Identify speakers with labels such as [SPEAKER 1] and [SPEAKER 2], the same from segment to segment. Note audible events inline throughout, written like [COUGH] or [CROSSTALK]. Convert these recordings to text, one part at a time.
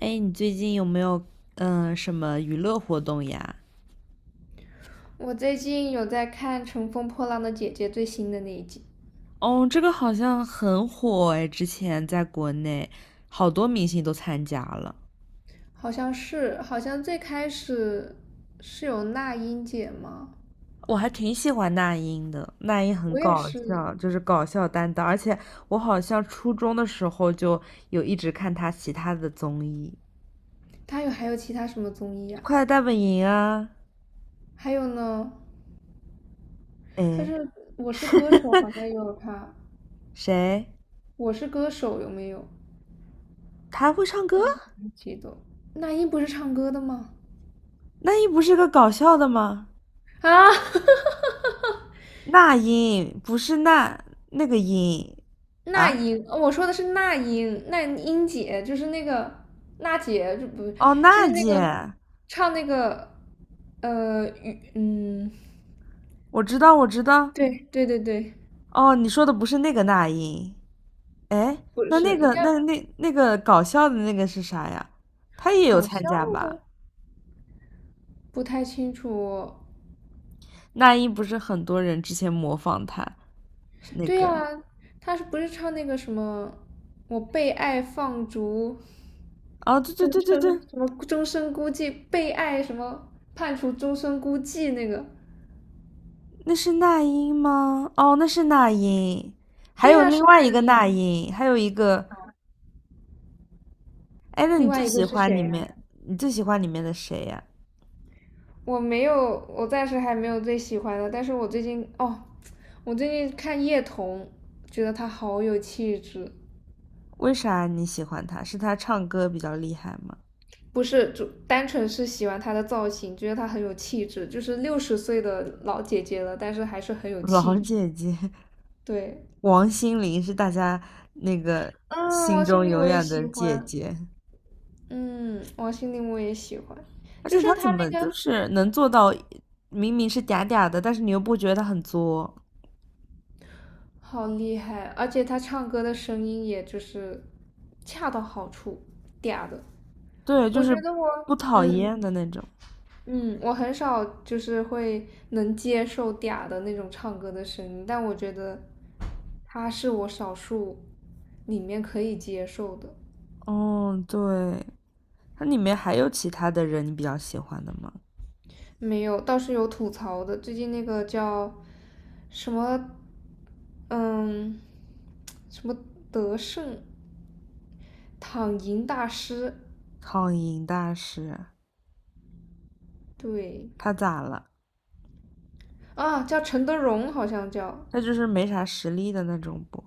[SPEAKER 1] 哎，你最近有没有什么娱乐活动呀？
[SPEAKER 2] 我最近有在看《乘风破浪的姐姐》最新的那一集，
[SPEAKER 1] 哦，这个好像很火哎，之前在国内好多明星都参加了，
[SPEAKER 2] 好像是，好像最开始是有那英姐吗？
[SPEAKER 1] 我还挺喜欢那英的，那英很
[SPEAKER 2] 我也
[SPEAKER 1] 搞
[SPEAKER 2] 是，
[SPEAKER 1] 笑，就是搞笑担当，而且我好像初中的时候就有一直看她其他的综艺，
[SPEAKER 2] 她有还有其他什么综艺啊？
[SPEAKER 1] 《快乐大本营》啊，
[SPEAKER 2] 还有呢，她
[SPEAKER 1] 哎，
[SPEAKER 2] 是《我是歌手》好像也有她，
[SPEAKER 1] 谁？
[SPEAKER 2] 《我是歌手》有没有？
[SPEAKER 1] 她还会唱歌？
[SPEAKER 2] 记得那英不是唱歌的吗？
[SPEAKER 1] 那英不是个搞笑的吗？
[SPEAKER 2] 啊，[LAUGHS]
[SPEAKER 1] 那英不是那那个英
[SPEAKER 2] 那
[SPEAKER 1] 啊？
[SPEAKER 2] 英，我说的是那英，那英姐就是那个娜姐，就不
[SPEAKER 1] 哦，
[SPEAKER 2] 就
[SPEAKER 1] 娜
[SPEAKER 2] 是那个
[SPEAKER 1] 姐，
[SPEAKER 2] 唱那个雨，
[SPEAKER 1] 我知道，我知道。
[SPEAKER 2] 对对对对，
[SPEAKER 1] 哦，你说的不是那个那英，哎，
[SPEAKER 2] 不
[SPEAKER 1] 那
[SPEAKER 2] 是，
[SPEAKER 1] 那
[SPEAKER 2] 应
[SPEAKER 1] 个
[SPEAKER 2] 该
[SPEAKER 1] 那那那个搞笑的那个是啥呀？他也有
[SPEAKER 2] 搞
[SPEAKER 1] 参
[SPEAKER 2] 笑
[SPEAKER 1] 加
[SPEAKER 2] 的，
[SPEAKER 1] 吧？
[SPEAKER 2] 不太清楚。
[SPEAKER 1] 那英不是很多人之前模仿他，是那
[SPEAKER 2] 对
[SPEAKER 1] 个。
[SPEAKER 2] 呀，她是不是唱那个什么我被爱放逐，
[SPEAKER 1] 哦，对对
[SPEAKER 2] 终
[SPEAKER 1] 对对
[SPEAKER 2] 生
[SPEAKER 1] 对，
[SPEAKER 2] 什么终身孤寂，被爱什么判处终身孤寂那个？
[SPEAKER 1] 那是那英吗？哦，那是那英，还
[SPEAKER 2] 对
[SPEAKER 1] 有
[SPEAKER 2] 呀，
[SPEAKER 1] 另
[SPEAKER 2] 是
[SPEAKER 1] 外一
[SPEAKER 2] 那
[SPEAKER 1] 个那
[SPEAKER 2] 英。
[SPEAKER 1] 英，还有一个，哎，那
[SPEAKER 2] 另
[SPEAKER 1] 你最
[SPEAKER 2] 外一个
[SPEAKER 1] 喜
[SPEAKER 2] 是
[SPEAKER 1] 欢里
[SPEAKER 2] 谁
[SPEAKER 1] 面，你最喜欢里面的谁呀？
[SPEAKER 2] 我没有，我暂时还没有最喜欢的，但是我最近看叶童，觉得她好有气质，
[SPEAKER 1] 为啥你喜欢他？是他唱歌比较厉害吗？
[SPEAKER 2] 不是就单纯是喜欢她的造型，觉得她很有气质，就是60岁的老姐姐了，但是还是很
[SPEAKER 1] [LAUGHS]
[SPEAKER 2] 有气
[SPEAKER 1] 老
[SPEAKER 2] 质。
[SPEAKER 1] 姐姐，
[SPEAKER 2] 对，
[SPEAKER 1] 王心凌是大家那个
[SPEAKER 2] 嗯，
[SPEAKER 1] 心
[SPEAKER 2] 王心
[SPEAKER 1] 中
[SPEAKER 2] 凌
[SPEAKER 1] 永
[SPEAKER 2] 我也
[SPEAKER 1] 远
[SPEAKER 2] 喜
[SPEAKER 1] 的姐
[SPEAKER 2] 欢，
[SPEAKER 1] 姐，
[SPEAKER 2] 嗯，王心凌我也喜欢，
[SPEAKER 1] 而
[SPEAKER 2] 就
[SPEAKER 1] 且
[SPEAKER 2] 是
[SPEAKER 1] 她怎
[SPEAKER 2] 她
[SPEAKER 1] 么
[SPEAKER 2] 那
[SPEAKER 1] 就
[SPEAKER 2] 个
[SPEAKER 1] 是能做到，明明是嗲嗲的，但是你又不觉得她很作，
[SPEAKER 2] 好厉害，而且她唱歌的声音也就是恰到好处，嗲的，
[SPEAKER 1] 对，就
[SPEAKER 2] 我
[SPEAKER 1] 是
[SPEAKER 2] 觉得我
[SPEAKER 1] 不讨
[SPEAKER 2] 嗯。
[SPEAKER 1] 厌的那种。
[SPEAKER 2] 嗯，我很少就是能接受嗲的那种唱歌的声音，但我觉得他是我少数里面可以接受的。
[SPEAKER 1] 哦，对，它里面还有其他的人你比较喜欢的吗？
[SPEAKER 2] 没有，倒是有吐槽的。最近那个叫什么，嗯，什么德胜躺赢大师，
[SPEAKER 1] 苍蝇大师，
[SPEAKER 2] 对
[SPEAKER 1] 他咋了？
[SPEAKER 2] 啊，叫陈德容，好像叫，
[SPEAKER 1] 他就是没啥实力的那种不？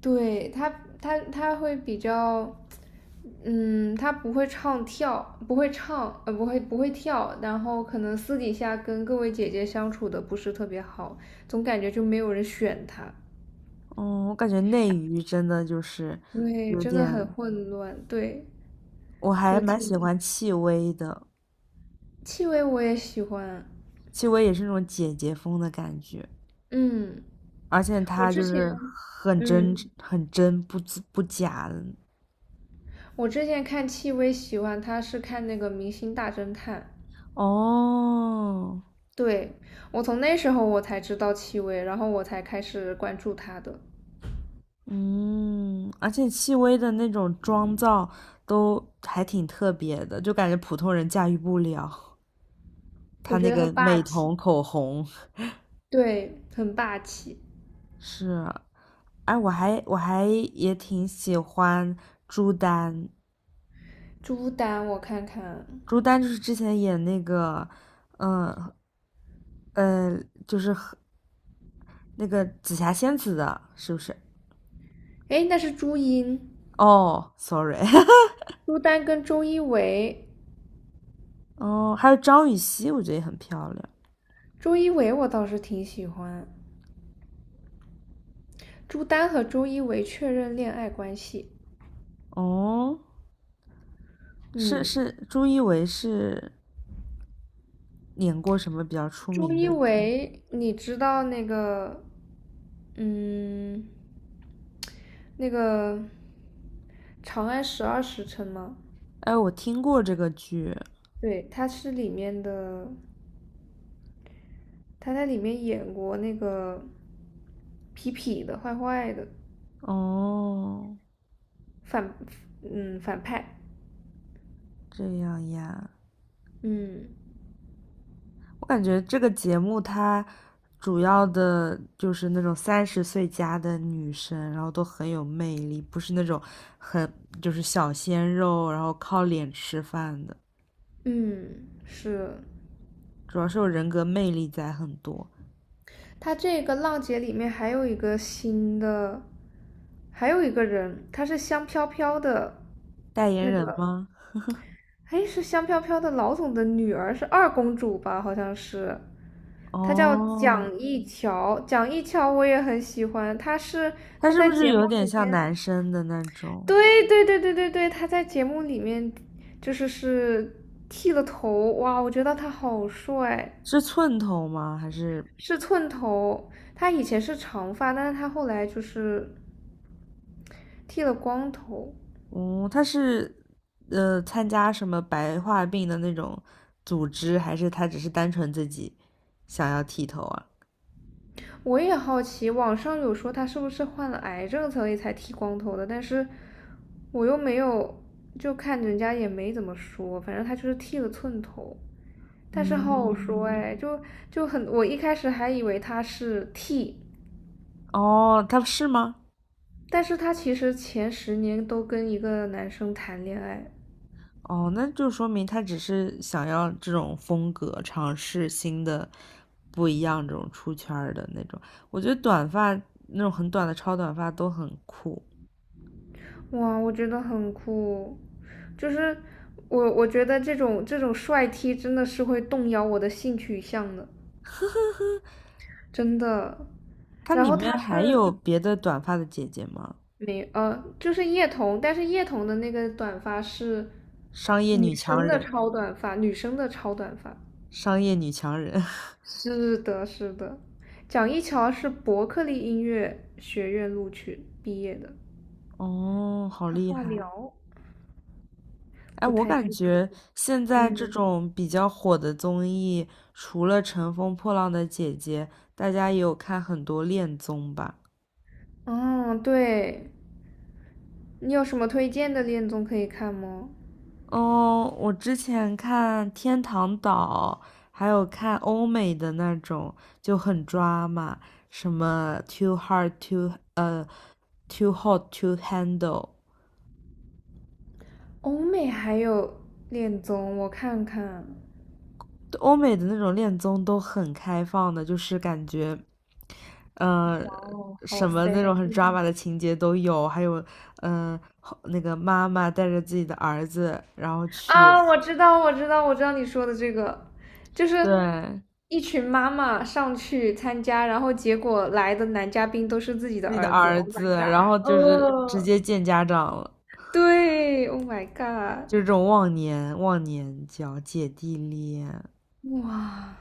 [SPEAKER 2] 对他，他会比较，嗯，他不会唱跳，不会唱，不会跳，然后可能私底下跟各位姐姐相处的不是特别好，总感觉就没有人选他。
[SPEAKER 1] 嗯，我感觉内娱真的就是
[SPEAKER 2] 对，
[SPEAKER 1] 有
[SPEAKER 2] 真的很
[SPEAKER 1] 点，
[SPEAKER 2] 混乱。对，
[SPEAKER 1] 我还
[SPEAKER 2] 就
[SPEAKER 1] 蛮喜
[SPEAKER 2] 挺
[SPEAKER 1] 欢戚薇的。
[SPEAKER 2] 戚薇我也喜欢。
[SPEAKER 1] 戚薇也是那种姐姐风的感觉，
[SPEAKER 2] 嗯，
[SPEAKER 1] 而且
[SPEAKER 2] 我
[SPEAKER 1] 她
[SPEAKER 2] 之
[SPEAKER 1] 就
[SPEAKER 2] 前，
[SPEAKER 1] 是很
[SPEAKER 2] 嗯，
[SPEAKER 1] 真、很真、不不假的。
[SPEAKER 2] 我之前看戚薇喜欢她是看那个《明星大侦探》。
[SPEAKER 1] 哦，
[SPEAKER 2] 对，我从那时候我才知道戚薇，然后我才开始关注她的。
[SPEAKER 1] 嗯，而且戚薇的那种妆造都还挺特别的，就感觉普通人驾驭不了。她
[SPEAKER 2] 我觉
[SPEAKER 1] 那
[SPEAKER 2] 得
[SPEAKER 1] 个
[SPEAKER 2] 很霸
[SPEAKER 1] 美
[SPEAKER 2] 气，
[SPEAKER 1] 瞳、口红
[SPEAKER 2] 对，很霸气。
[SPEAKER 1] 是，哎，我还也挺喜欢朱丹，
[SPEAKER 2] 朱丹，我看看，
[SPEAKER 1] 朱丹就是之前演那个，嗯呃，就是和那个紫霞仙子的，是不是？
[SPEAKER 2] 哎，那是朱茵，
[SPEAKER 1] 哦，sorry，[LAUGHS]
[SPEAKER 2] 朱丹跟周一围，
[SPEAKER 1] 哦，还有张予曦，我觉得也很漂亮。
[SPEAKER 2] 周一围我倒是挺喜欢。朱丹和周一围确认恋爱关系，
[SPEAKER 1] 哦，是
[SPEAKER 2] 嗯，
[SPEAKER 1] 是，朱一维是演过什么比较出
[SPEAKER 2] 周
[SPEAKER 1] 名
[SPEAKER 2] 一
[SPEAKER 1] 的剧？
[SPEAKER 2] 围，你知道那个，嗯，那个《长安十二时辰》吗？
[SPEAKER 1] 哎，我听过这个剧。
[SPEAKER 2] 对，他在里面演过那个痞痞的、坏坏的
[SPEAKER 1] 哦，
[SPEAKER 2] 反，反派。
[SPEAKER 1] 这样呀，
[SPEAKER 2] 嗯
[SPEAKER 1] 我感觉这个节目它主要的就是那种三十岁加的女生，然后都很有魅力，不是那种很就是小鲜肉，然后靠脸吃饭的。
[SPEAKER 2] 嗯，是。
[SPEAKER 1] 主要是有人格魅力在很多。
[SPEAKER 2] 他这个《浪姐》里面还有一个新的，还有一个人，他是香飘飘的，
[SPEAKER 1] 代言
[SPEAKER 2] 那个，
[SPEAKER 1] 人吗？
[SPEAKER 2] 哎，是香飘飘的老总的女儿，是二公主吧？好像是。她叫
[SPEAKER 1] 哦，
[SPEAKER 2] 蒋一乔，蒋一乔我也很喜欢，她是
[SPEAKER 1] 他
[SPEAKER 2] 她
[SPEAKER 1] 是不
[SPEAKER 2] 在
[SPEAKER 1] 是
[SPEAKER 2] 节目
[SPEAKER 1] 有点
[SPEAKER 2] 里
[SPEAKER 1] 像男生的那种？
[SPEAKER 2] 对对对对对对，他在节目里面就是剃了头，哇，我觉得他好帅，
[SPEAKER 1] 是寸头吗？还是，
[SPEAKER 2] 是寸头。他以前是长发，但是他后来就是剃了光头。
[SPEAKER 1] 嗯，他是参加什么白化病的那种组织，还是他只是单纯自己想要剃头啊？
[SPEAKER 2] 我也好奇，网上有说他是不是患了癌症所以才剃光头的，但是我又没有，就看人家也没怎么说，反正他就是剃了寸头，但是好好说
[SPEAKER 1] 嗯，
[SPEAKER 2] 哎，就很，我一开始还以为他是剃。
[SPEAKER 1] 哦，他是吗？
[SPEAKER 2] 但是他其实前10年都跟一个男生谈恋爱，
[SPEAKER 1] 哦，那就说明他只是想要这种风格，尝试新的、不一样这种出圈儿的那种。我觉得短发那种很短的超短发都很酷。
[SPEAKER 2] 哇，我觉得很酷，就是我觉得这种帅 T 真的是会动摇我的性取向的，
[SPEAKER 1] [LAUGHS]
[SPEAKER 2] 真的。
[SPEAKER 1] 它
[SPEAKER 2] 然
[SPEAKER 1] 里
[SPEAKER 2] 后
[SPEAKER 1] 面
[SPEAKER 2] 他
[SPEAKER 1] 还有
[SPEAKER 2] 是
[SPEAKER 1] 别的短发的姐姐吗？
[SPEAKER 2] 没呃，就是叶童，但是叶童的那个短发是
[SPEAKER 1] 商业女
[SPEAKER 2] 女
[SPEAKER 1] 强
[SPEAKER 2] 生的
[SPEAKER 1] 人，
[SPEAKER 2] 超短发，女生的超短发。
[SPEAKER 1] 商业女强人。
[SPEAKER 2] 是的，是的，蒋一乔是伯克利音乐学院录取毕业的，
[SPEAKER 1] [LAUGHS] 哦，好
[SPEAKER 2] 他
[SPEAKER 1] 厉
[SPEAKER 2] 化
[SPEAKER 1] 害！
[SPEAKER 2] 疗。
[SPEAKER 1] 哎，
[SPEAKER 2] 不
[SPEAKER 1] 我
[SPEAKER 2] 太
[SPEAKER 1] 感
[SPEAKER 2] 清楚。
[SPEAKER 1] 觉现在这
[SPEAKER 2] 嗯，
[SPEAKER 1] 种比较火的综艺，除了《乘风破浪的姐姐》，大家也有看很多恋综吧。
[SPEAKER 2] 哦，对，你有什么推荐的恋综可以看吗？
[SPEAKER 1] 嗯，我之前看《天堂岛》，还有看欧美的那种，就很抓马，什么 too hot to handle，
[SPEAKER 2] 欧美还有恋综，我看看。
[SPEAKER 1] 对欧美的那种恋综都很开放的，就是感觉，呃，
[SPEAKER 2] 哇哦，好
[SPEAKER 1] 什么那
[SPEAKER 2] sex
[SPEAKER 1] 种很抓马的情节都有，还有，那个妈妈带着自己的儿子，然后去
[SPEAKER 2] 啊！我知道，我知道，我知道你说的这个，就是
[SPEAKER 1] 对
[SPEAKER 2] 一群妈妈上去参加，然后结果来的男嘉宾都是自己的
[SPEAKER 1] 自己的
[SPEAKER 2] 儿子。
[SPEAKER 1] 儿
[SPEAKER 2] Oh my
[SPEAKER 1] 子，
[SPEAKER 2] god！
[SPEAKER 1] 然后就是直接见家长了。
[SPEAKER 2] 对，Oh my god！
[SPEAKER 1] 就是这种忘年交、姐弟恋，
[SPEAKER 2] 哇，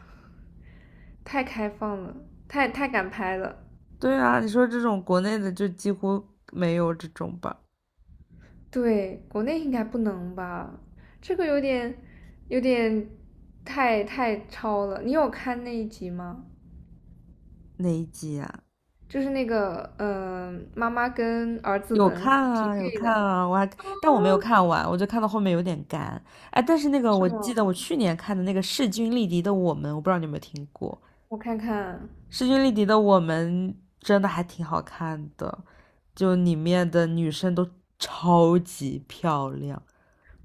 [SPEAKER 2] 太开放了，太敢拍了。
[SPEAKER 1] 对啊，你说这种国内的就几乎没有这种吧？
[SPEAKER 2] 对，国内应该不能吧？这个有点，太超了。你有看那一集吗？
[SPEAKER 1] 哪一集啊？
[SPEAKER 2] 就是那个，嗯，妈妈跟儿子
[SPEAKER 1] 有
[SPEAKER 2] 们
[SPEAKER 1] 看
[SPEAKER 2] 匹
[SPEAKER 1] 啊，有
[SPEAKER 2] 配
[SPEAKER 1] 看
[SPEAKER 2] 的，
[SPEAKER 1] 啊，但我没有看完，我就看到后面有点干。哎，但是那个
[SPEAKER 2] 是
[SPEAKER 1] 我记
[SPEAKER 2] 吗？
[SPEAKER 1] 得我去年看的那个势均力敌的我们，我不知道你有没有听过，
[SPEAKER 2] 我看看，
[SPEAKER 1] 势均力敌的我们真的还挺好看的，就里面的女生都超级漂亮。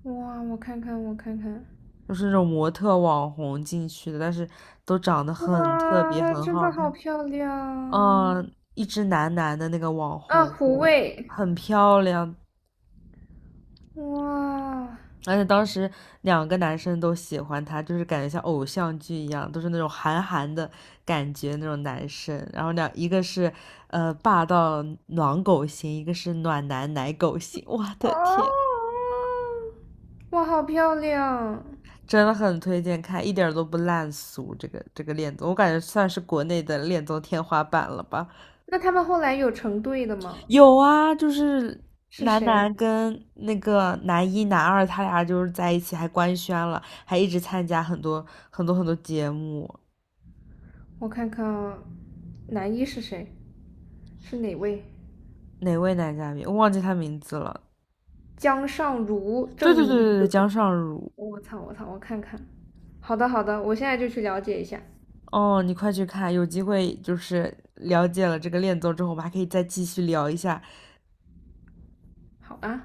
[SPEAKER 2] 我看看，
[SPEAKER 1] 就是那种模特网红进去的，但是都长得很特别，
[SPEAKER 2] 哇，
[SPEAKER 1] 很
[SPEAKER 2] 真
[SPEAKER 1] 好
[SPEAKER 2] 的好
[SPEAKER 1] 看。
[SPEAKER 2] 漂亮
[SPEAKER 1] 嗯，一只男男的那个网
[SPEAKER 2] 啊！
[SPEAKER 1] 红，
[SPEAKER 2] 胡
[SPEAKER 1] 我
[SPEAKER 2] 卫，
[SPEAKER 1] 很漂亮，
[SPEAKER 2] 哇，
[SPEAKER 1] 而且当时两个男生都喜欢她，就是感觉像偶像剧一样，都是那种韩寒的感觉那种男生。然后两一个是霸道暖狗型，一个是暖男奶狗型。我的天！
[SPEAKER 2] 哦，哇，好漂亮。
[SPEAKER 1] 真的很推荐看，一点儿都不烂俗。这个恋综，我感觉算是国内的恋综天花板了吧。
[SPEAKER 2] 那他们后来有成对的吗？
[SPEAKER 1] 有啊，就是
[SPEAKER 2] 是
[SPEAKER 1] 男
[SPEAKER 2] 谁？
[SPEAKER 1] 男跟那个男一、男二，他俩就是在一起，还官宣了，还一直参加很多节目。
[SPEAKER 2] 我看看男一是谁，是哪位？
[SPEAKER 1] 哪位男嘉宾？我忘记他名字了。
[SPEAKER 2] 江尚儒
[SPEAKER 1] 对对对
[SPEAKER 2] 正，
[SPEAKER 1] 对对，江尚儒。
[SPEAKER 2] 我操我操，我看看。好的好的，我现在就去了解一下。
[SPEAKER 1] 哦，你快去看，有机会就是了解了这个恋综之后，我们还可以再继续聊一下
[SPEAKER 2] 好啊。